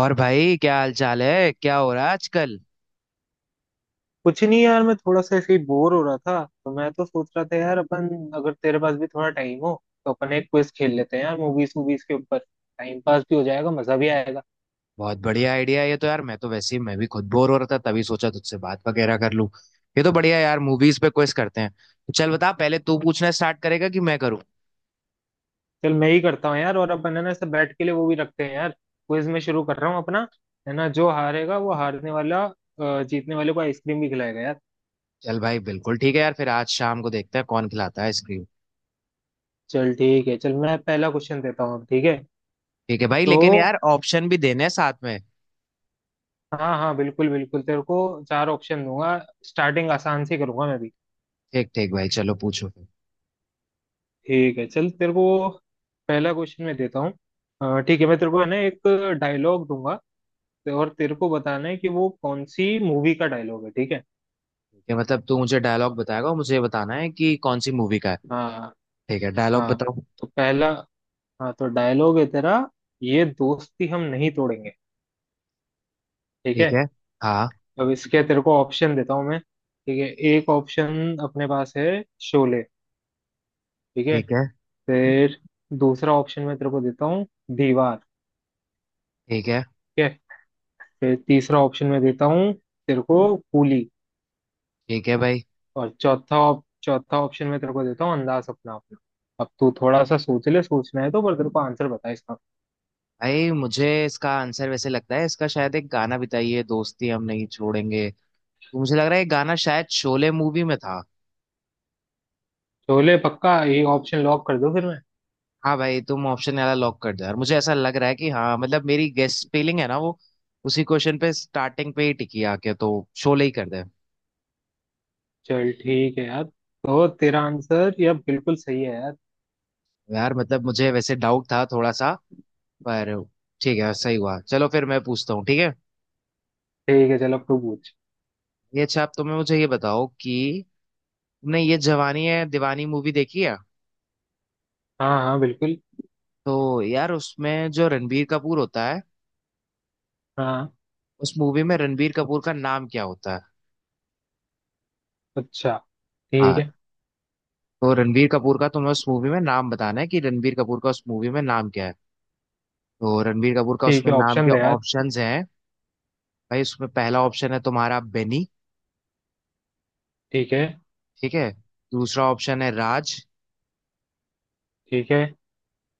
और भाई क्या हाल चाल है, क्या हो रहा है आजकल। कुछ नहीं यार। मैं थोड़ा सा ऐसे ही बोर हो रहा था, तो मैं तो सोच रहा था यार, अपन अगर तेरे पास भी थोड़ा टाइम हो तो अपन एक क्विज खेल लेते हैं यार। मूवीज मूवीज के ऊपर टाइम पास भी हो जाएगा, मजा भी आएगा। बहुत बढ़िया आइडिया है ये तो यार, मैं तो वैसे ही मैं भी खुद बोर हो रहा था, तभी सोचा तुझसे बात वगैरह कर लूं। ये तो बढ़िया यार, मूवीज पे क्विज करते हैं। तो चल बता, पहले तू पूछना स्टार्ट करेगा कि मैं करूँ। चल मैं ही करता हूँ यार, और अपन है ना, ऐसे बैठ के लिए वो भी रखते हैं यार क्विज में। शुरू कर रहा हूँ अपना, है ना। जो हारेगा, वो हारने वाला जीतने वाले को आइसक्रीम भी खिलाएगा यार। चल भाई बिल्कुल ठीक है यार, फिर आज शाम को देखते हैं कौन खिलाता है आइसक्रीम। चल ठीक है, चल मैं पहला क्वेश्चन देता हूँ अब, ठीक है। ठीक है भाई, तो लेकिन यार ऑप्शन भी देने हैं साथ में। हाँ हाँ, बिल्कुल बिल्कुल, तेरे को चार ऑप्शन दूंगा। स्टार्टिंग आसान से करूंगा मैं भी। ठीक ठीक भाई, चलो पूछो फिर। ठीक है, चल तेरे को पहला क्वेश्चन मैं देता हूँ। ठीक है, मैं तेरे को है ना एक डायलॉग दूंगा, और तेरे को बताना है कि वो कौन सी मूवी का डायलॉग है, ठीक है। ठीक है, मतलब तू मुझे डायलॉग बताएगा और मुझे ये बताना है कि कौन सी मूवी का है। हाँ ठीक है, डायलॉग हाँ। बताओ। तो पहला, हाँ, तो डायलॉग है तेरा, ये दोस्ती हम नहीं तोड़ेंगे, ठीक है। ठीक है। हाँ। अब इसके तेरे को ऑप्शन देता हूँ मैं, ठीक है। एक ऑप्शन अपने पास है, शोले, ठीक है। ठीक है। फिर दूसरा ऑप्शन मैं तेरे को देता हूँ, दीवार, ठीक है। ठीक है। फिर तीसरा ऑप्शन मैं देता हूँ तेरे को, कूली। ठीक है भाई। और चौथा ऑप्शन मैं तेरे को देता हूँ, अंदाज अपना अपना। अब तू थोड़ा सा सोच ले, सोचना है तो, पर तेरे को आंसर बता इसका। भाई मुझे इसका आंसर वैसे लगता है, इसका शायद एक गाना भी था, ये दोस्ती हम नहीं छोड़ेंगे। तो मुझे लग रहा है ये गाना शायद शोले मूवी में था। छोले पक्का, ये ऑप्शन लॉक कर दो फिर मैं। हाँ भाई, तुम ऑप्शन वाला लॉक कर दो यार, मुझे ऐसा लग रहा है कि हाँ, मतलब मेरी गेस फीलिंग है ना वो उसी क्वेश्चन पे, स्टार्टिंग पे ही टिकी आके, तो शोले ही कर दे। चल ठीक है यार, तो तेरा आंसर ये बिल्कुल सही है यार। यार मतलब मुझे वैसे डाउट था थोड़ा सा, पर ठीक है सही हुआ। चलो फिर मैं पूछता हूँ, ठीक है। ठीक है, चल अब तू पूछ। ये अच्छा, आप तुम्हें मुझे ये बताओ कि तुमने ये जवानी है दीवानी मूवी देखी है। हाँ हाँ, बिल्कुल। तो यार उसमें जो रणबीर कपूर होता है, हाँ। उस मूवी में रणबीर कपूर का नाम क्या होता है। अच्छा, ठीक हाँ, है। तो रणबीर कपूर का तुम्हें उस मूवी में नाम बताना है कि रणबीर कपूर का उस मूवी में नाम क्या है। तो रणबीर कपूर का ठीक उसमें है, नाम ऑप्शन दे के यार। ऑप्शंस हैं। भाई उसमें पहला ऑप्शन है तुम्हारा बेनी। ठीक है। ठीक है। दूसरा ऑप्शन है राज। ठीक है।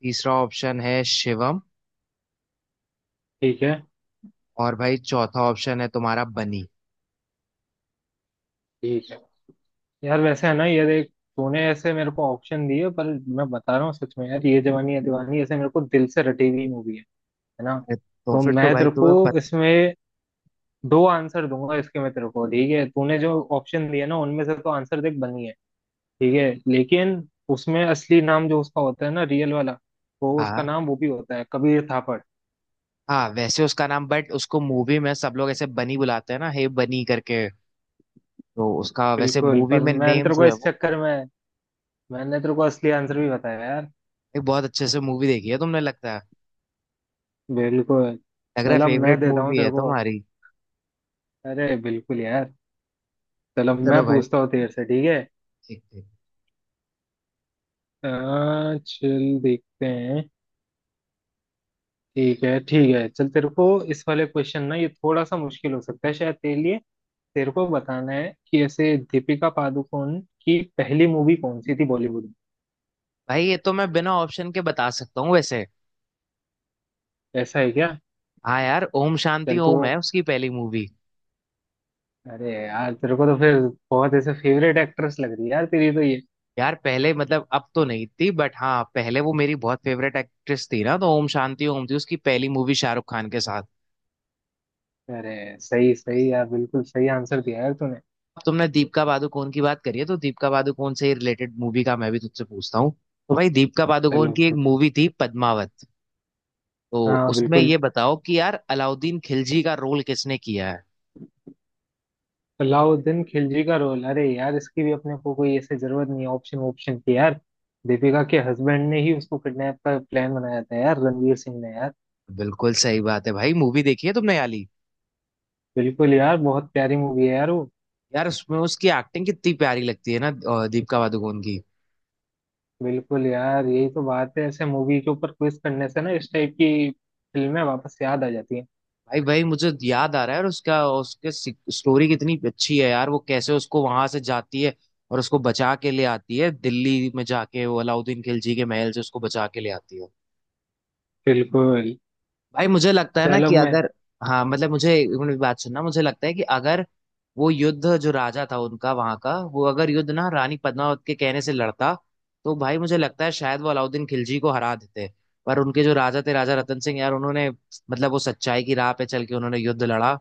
तीसरा ऑप्शन है शिवम। ठीक है। और भाई चौथा ऑप्शन है तुम्हारा बनी। ठीक है। यार वैसे है ना, ये देख, तूने ऐसे मेरे को ऑप्शन दिए, पर मैं बता रहा हूँ सच में यार, ये जवानी है दीवानी ऐसे मेरे को दिल से रटी हुई मूवी है ना। अरे तो तो फिर तो मैं भाई तेरे को तुम्हें पता। इसमें दो आंसर दूंगा इसके, मैं तेरे को ठीक है, तूने जो ऑप्शन दिए ना उनमें से तो आंसर देख, बनी है, ठीक है। लेकिन उसमें असली नाम जो उसका होता है ना, रियल वाला, वो उसका हाँ नाम, वो भी होता है कबीर थापड़। हाँ, वैसे उसका नाम, बट उसको मूवी में सब लोग ऐसे बनी बुलाते हैं ना, हे बनी करके। तो उसका वैसे बिल्कुल, मूवी पर में मैं नेम तेरे को जो है इस वो चक्कर में, मैंने तेरे को असली आंसर भी बताया यार। एक, बहुत अच्छे से मूवी देखी है तुमने लगता है। बिल्कुल। लग रहा है चलो मैं फेवरेट देता हूँ मूवी है तेरे को। तुम्हारी। अरे बिल्कुल यार। चलो मैं चलो भाई। पूछता हूँ तेरे से, ठीक है। ठीक ठीक अ, चल देखते हैं। ठीक है ठीक है, चल तेरे को इस वाले क्वेश्चन ना, ये थोड़ा सा मुश्किल हो सकता है शायद तेरे लिए। तेरे को बताना है कि ऐसे दीपिका पादुकोण की पहली मूवी कौन सी थी बॉलीवुड में। भाई, ये तो मैं बिना ऑप्शन के बता सकता हूँ वैसे। ऐसा है क्या? हाँ यार, ओम शांति चल तू। ओम है उसकी पहली मूवी। अरे यार तेरे को तो फिर बहुत ऐसे फेवरेट एक्ट्रेस लग रही है यार तेरी तो, ये यार पहले, मतलब अब तो नहीं थी, बट हाँ पहले वो मेरी बहुत फेवरेट एक्ट्रेस थी ना, तो ओम शांति ओम थी उसकी पहली मूवी शाहरुख खान के साथ। अरे सही सही यार, बिल्कुल सही आंसर दिया यार तूने। अब तुमने दीपिका पादुकोण की बात करी है, तो दीपिका पादुकोण से रिलेटेड मूवी का मैं भी तुझसे पूछता हूँ। तो भाई दीपिका पादुकोण चलो की एक कुछ। मूवी थी पद्मावत। तो हाँ, उसमें बिल्कुल। ये बताओ कि यार अलाउद्दीन खिलजी का रोल किसने किया है। अलाउद्दीन खिलजी का रोल, अरे यार इसकी भी अपने को कोई ऐसे जरूरत नहीं है ऑप्शन ऑप्शन की यार। दीपिका के हस्बैंड ने ही उसको किडनैप का प्लान बनाया था यार, रणवीर सिंह ने यार। बिल्कुल सही बात है भाई, मूवी देखी है तुमने याली। बिल्कुल यार, बहुत प्यारी मूवी है यार वो। यार उसमें उसकी एक्टिंग कितनी प्यारी लगती है ना, दीपिका पादुकोण की। बिल्कुल यार, यही तो बात है, ऐसे मूवी के ऊपर क्विज करने से ना इस टाइप की फिल्में वापस याद आ जाती हैं। भाई भाई मुझे याद आ रहा है, और उसका उसके स्टोरी कितनी अच्छी है यार, वो कैसे उसको वहां से जाती है, और उसको बचा के ले आती है, दिल्ली में जाके वो अलाउद्दीन खिलजी के महल से उसको बचा के ले आती है। बिल्कुल। भाई मुझे लगता है ना चलो कि मैं। अगर, हाँ मतलब मुझे एक मिनट, बात सुनना, मुझे लगता है कि अगर वो युद्ध, जो राजा था उनका वहां का, वो अगर युद्ध ना रानी पद्मावत के कहने से लड़ता, तो भाई मुझे लगता है शायद वो अलाउद्दीन खिलजी को हरा देते। पर उनके जो राजा थे, राजा रतन सिंह यार, उन्होंने मतलब वो सच्चाई की राह पे चल के उन्होंने युद्ध लड़ा,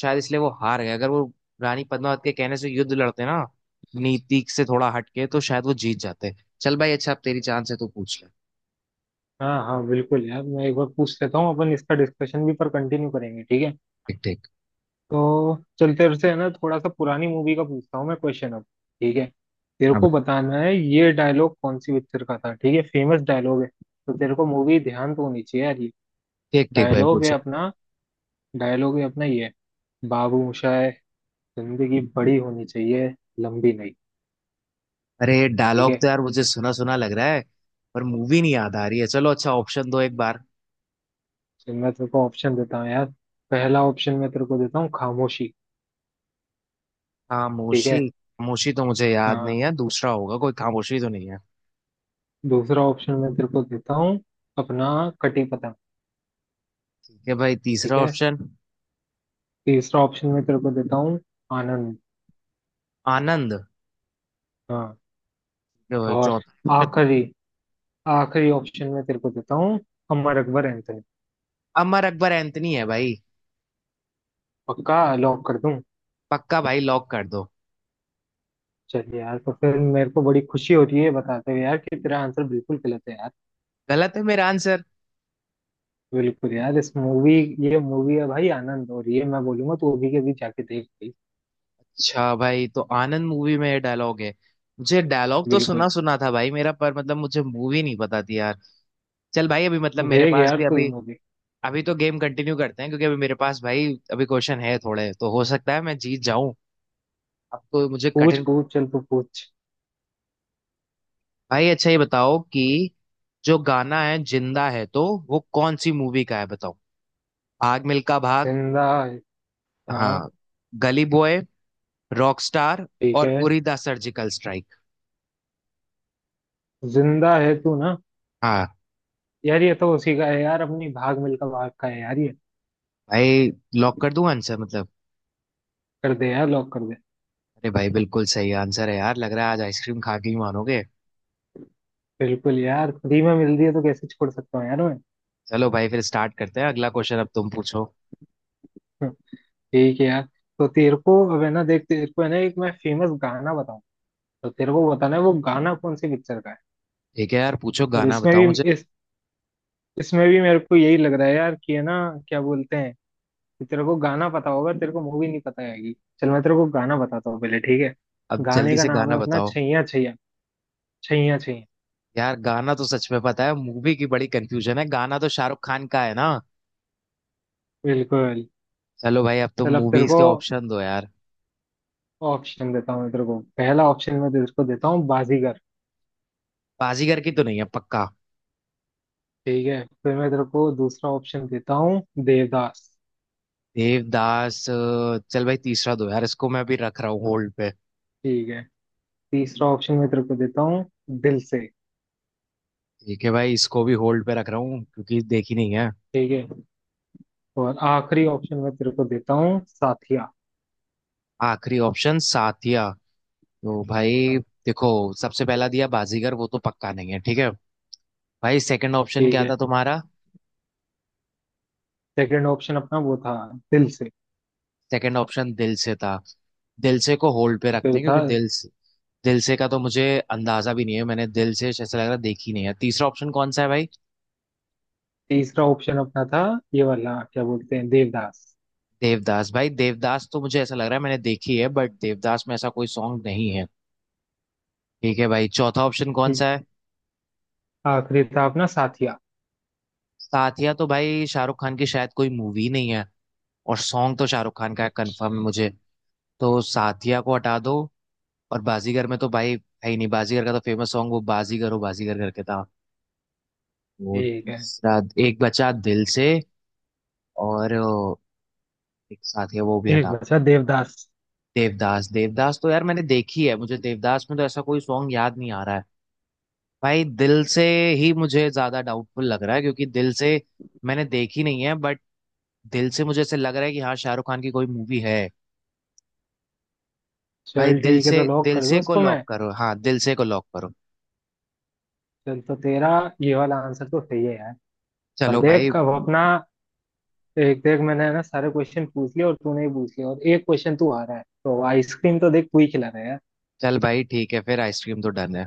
शायद इसलिए वो हार गए। अगर वो रानी पद्मावत के कहने से युद्ध लड़ते ना, नीति से थोड़ा हटके, तो शायद वो जीत जाते। चल भाई अच्छा, अब तेरी चांस है तो पूछ ले। हाँ हाँ, बिल्कुल यार, मैं एक बार पूछ लेता हूँ, अपन इसका डिस्कशन भी पर कंटिन्यू करेंगे, ठीक है। ठीक ठीक। तो चल तेरे से है ना थोड़ा सा पुरानी मूवी का पूछता हूँ मैं क्वेश्चन अब, ठीक है। तेरे हाँ को भाई। बताना है ये डायलॉग कौन सी पिक्चर का था, ठीक है, फेमस डायलॉग है। तो तेरे को मूवी ध्यान तो होनी चाहिए यार ये। ठीक ठीक भाई डायलॉग पूछ। है अपना डायलॉग है अपना ये, बाबू मोशाय, जिंदगी बड़ी होनी चाहिए, लंबी नहीं, अरे ठीक डायलॉग है। तो यार मुझे सुना सुना लग रहा है, पर मूवी नहीं याद आ रही है। चलो अच्छा ऑप्शन दो एक बार। तो मैं तेरे को ऑप्शन देता हूँ यार। पहला ऑप्शन मैं तेरे को देता हूँ, खामोशी, ठीक खामोशी, है। खामोशी तो मुझे याद हाँ, नहीं है, दूसरा होगा कोई, खामोशी तो नहीं है। दूसरा ऑप्शन मैं तेरे को देता हूँ, अपना कटी पतंग, ठीक है भाई तीसरा ठीक है। ऑप्शन। तीसरा ऑप्शन मैं तेरे को देता हूँ, आनंद। आनंद। हाँ। ठीक है भाई और चौथा। आखिरी, ऑप्शन मैं तेरे को देता हूँ, अमर अकबर एंथनी। अमर अकबर एंथनी है भाई। पक्का लॉक कर दूँ? पक्का भाई, लॉक कर दो। चलिए यार, तो फिर मेरे को बड़ी खुशी हो रही है बताते हुए यार, कि तेरा आंसर बिल्कुल गलत है यार। गलत है मेरा आंसर? बिल्कुल यार, इस मूवी ये मूवी है भाई आनंद, और ये मैं बोलूंगा, तू अभी के अभी जाके देख भाई। अच्छा भाई, तो आनंद मूवी में डायलॉग है। मुझे डायलॉग तो बिल्कुल। सुना सुना था भाई मेरा, पर मतलब मुझे मूवी नहीं पता थी यार। चल भाई अभी मतलब मेरे देख पास यार भी तू ये अभी, मूवी। अभी तो गेम कंटिन्यू करते हैं, क्योंकि अभी मेरे पास भाई, अभी क्वेश्चन है थोड़े, तो हो सकता है मैं जीत जाऊं। अब तो मुझे पूछ कठिन। पूछ, चल तू पूछ। भाई अच्छा ये बताओ कि जो गाना है जिंदा है, तो वो कौन सी मूवी का है बताओ। भाग मिल्खा भाग। जिंदा है। हाँ। हाँ। गली बॉय। रॉकस्टार। ठीक और है। Uri the surgical strike. जिंदा है तू ना, हाँ। यार ये तो उसी का है यार, अपनी भाग मिल्खा भाग का है यार ये। भाई लॉक कर दूं आंसर मतलब? कर दे यार, लॉक कर दे। अरे भाई बिल्कुल सही आंसर है यार, लग रहा है आज आइसक्रीम खा के ही मानोगे। बिल्कुल यार, फ्री में मिल रही है तो कैसे छोड़ सकता हूँ यार मैं। चलो भाई, फिर स्टार्ट करते हैं अगला क्वेश्चन, अब तुम पूछो। ठीक है यार। तो तेरे को अब है ना, देख तेरे को है ना, एक मैं फेमस गाना बताऊँ, तो तेरे को बताना है वो गाना कौन सी पिक्चर का है। ठीक है यार, पूछो और गाना इसमें बताओ भी, मुझे। इस इसमें भी मेरे को यही लग रहा है यार, कि है ना क्या बोलते हैं, कि तेरे को गाना पता होगा, तेरे को मूवी नहीं पता आएगी। चल मैं तेरे को गाना बताता हूँ पहले, ठीक है। अब गाने जल्दी का से नाम गाना है अपना, बताओ। छैया छैया, छैया छैया। यार गाना तो सच में पता है, मूवी की बड़ी कंफ्यूजन है, गाना तो शाहरुख खान का है ना। बिल्कुल। चलो भाई अब तुम चल अब तेरे मूवीज को के ऑप्शन दो यार। ऑप्शन देता हूँ मैं तेरे को। पहला ऑप्शन मैं तेरे को देता हूँ, बाजीगर, बाजीगर की तो नहीं है पक्का। ठीक है। फिर मैं तेरे को दूसरा ऑप्शन देता हूँ, देवदास, देवदास, चल भाई तीसरा दो यार, इसको मैं अभी रख रहा हूँ होल्ड पे। ठीक है। तीसरा ऑप्शन मैं तेरे को देता हूँ, दिल से, ठीक है भाई, इसको भी होल्ड पे रख रहा हूँ क्योंकि देखी नहीं है। ठीक है। और आखिरी ऑप्शन मैं तेरे को देता हूँ, साथिया। आखिरी ऑप्शन साथिया। तो भाई हाँ, देखो, सबसे पहला दिया बाजीगर, वो तो पक्का नहीं है ठीक है। भाई सेकंड ऑप्शन ठीक क्या है। था तुम्हारा? सेकंड ऑप्शन अपना वो था, दिल से। सेकंड ऑप्शन दिल से था। दिल से को होल्ड पे रखते फिर हैं, था क्योंकि दिल से, दिल से का तो मुझे अंदाजा भी नहीं है, मैंने दिल से ऐसा लग रहा है देखी नहीं है। तीसरा ऑप्शन कौन सा है भाई? तीसरा ऑप्शन, अपना था ये वाला क्या बोलते हैं, देवदास। देवदास, भाई देवदास तो मुझे ऐसा लग रहा है मैंने देखी है, बट देवदास में ऐसा कोई सॉन्ग नहीं है। ठीक है भाई, चौथा ऑप्शन कौन ठीक, सा है? आखिरी था अपना साथिया। साथिया, तो भाई शाहरुख खान की शायद कोई मूवी नहीं है, और सॉन्ग तो शाहरुख खान का है, कंफर्म है मुझे। तो साथिया को हटा दो। और बाजीगर में तो भाई है ही नहीं, बाजीगर का तो फेमस सॉन्ग वो बाजीगर हो बाजीगर करके था वो, ठीक है, तीसरा। एक बचा दिल से, और एक साथ है वो भी एक हटा। बचा देवदास। देवदास, देवदास तो यार मैंने देखी है, मुझे देवदास में तो ऐसा कोई सॉन्ग याद नहीं आ रहा है। भाई दिल से ही मुझे ज्यादा डाउटफुल लग रहा है, क्योंकि दिल से मैंने देखी नहीं है, बट दिल से मुझे ऐसे लग रहा है कि हाँ शाहरुख खान की कोई मूवी है। भाई चल दिल ठीक है, से, तो लॉक दिल कर दो से को इसको लॉक मैं। करो, हाँ दिल से को लॉक करो। चल तो तेरा ये वाला आंसर तो सही है यार। पर चलो भाई। देख अब अपना, देख देख मैंने है ना सारे क्वेश्चन पूछ लिए, और तूने भी पूछ लिया, और एक क्वेश्चन तू आ रहा है, तो आइसक्रीम तो देख तू ही खिला रहा है यार। चल भाई ठीक है, फिर आइसक्रीम तो डन है।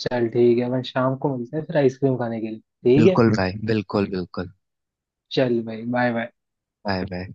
चल ठीक है, अपन शाम को मिलते हैं फिर आइसक्रीम खाने के लिए, ठीक है। बिल्कुल भाई, बिल्कुल बिल्कुल। चल भाई, बाय बाय। Bye bye.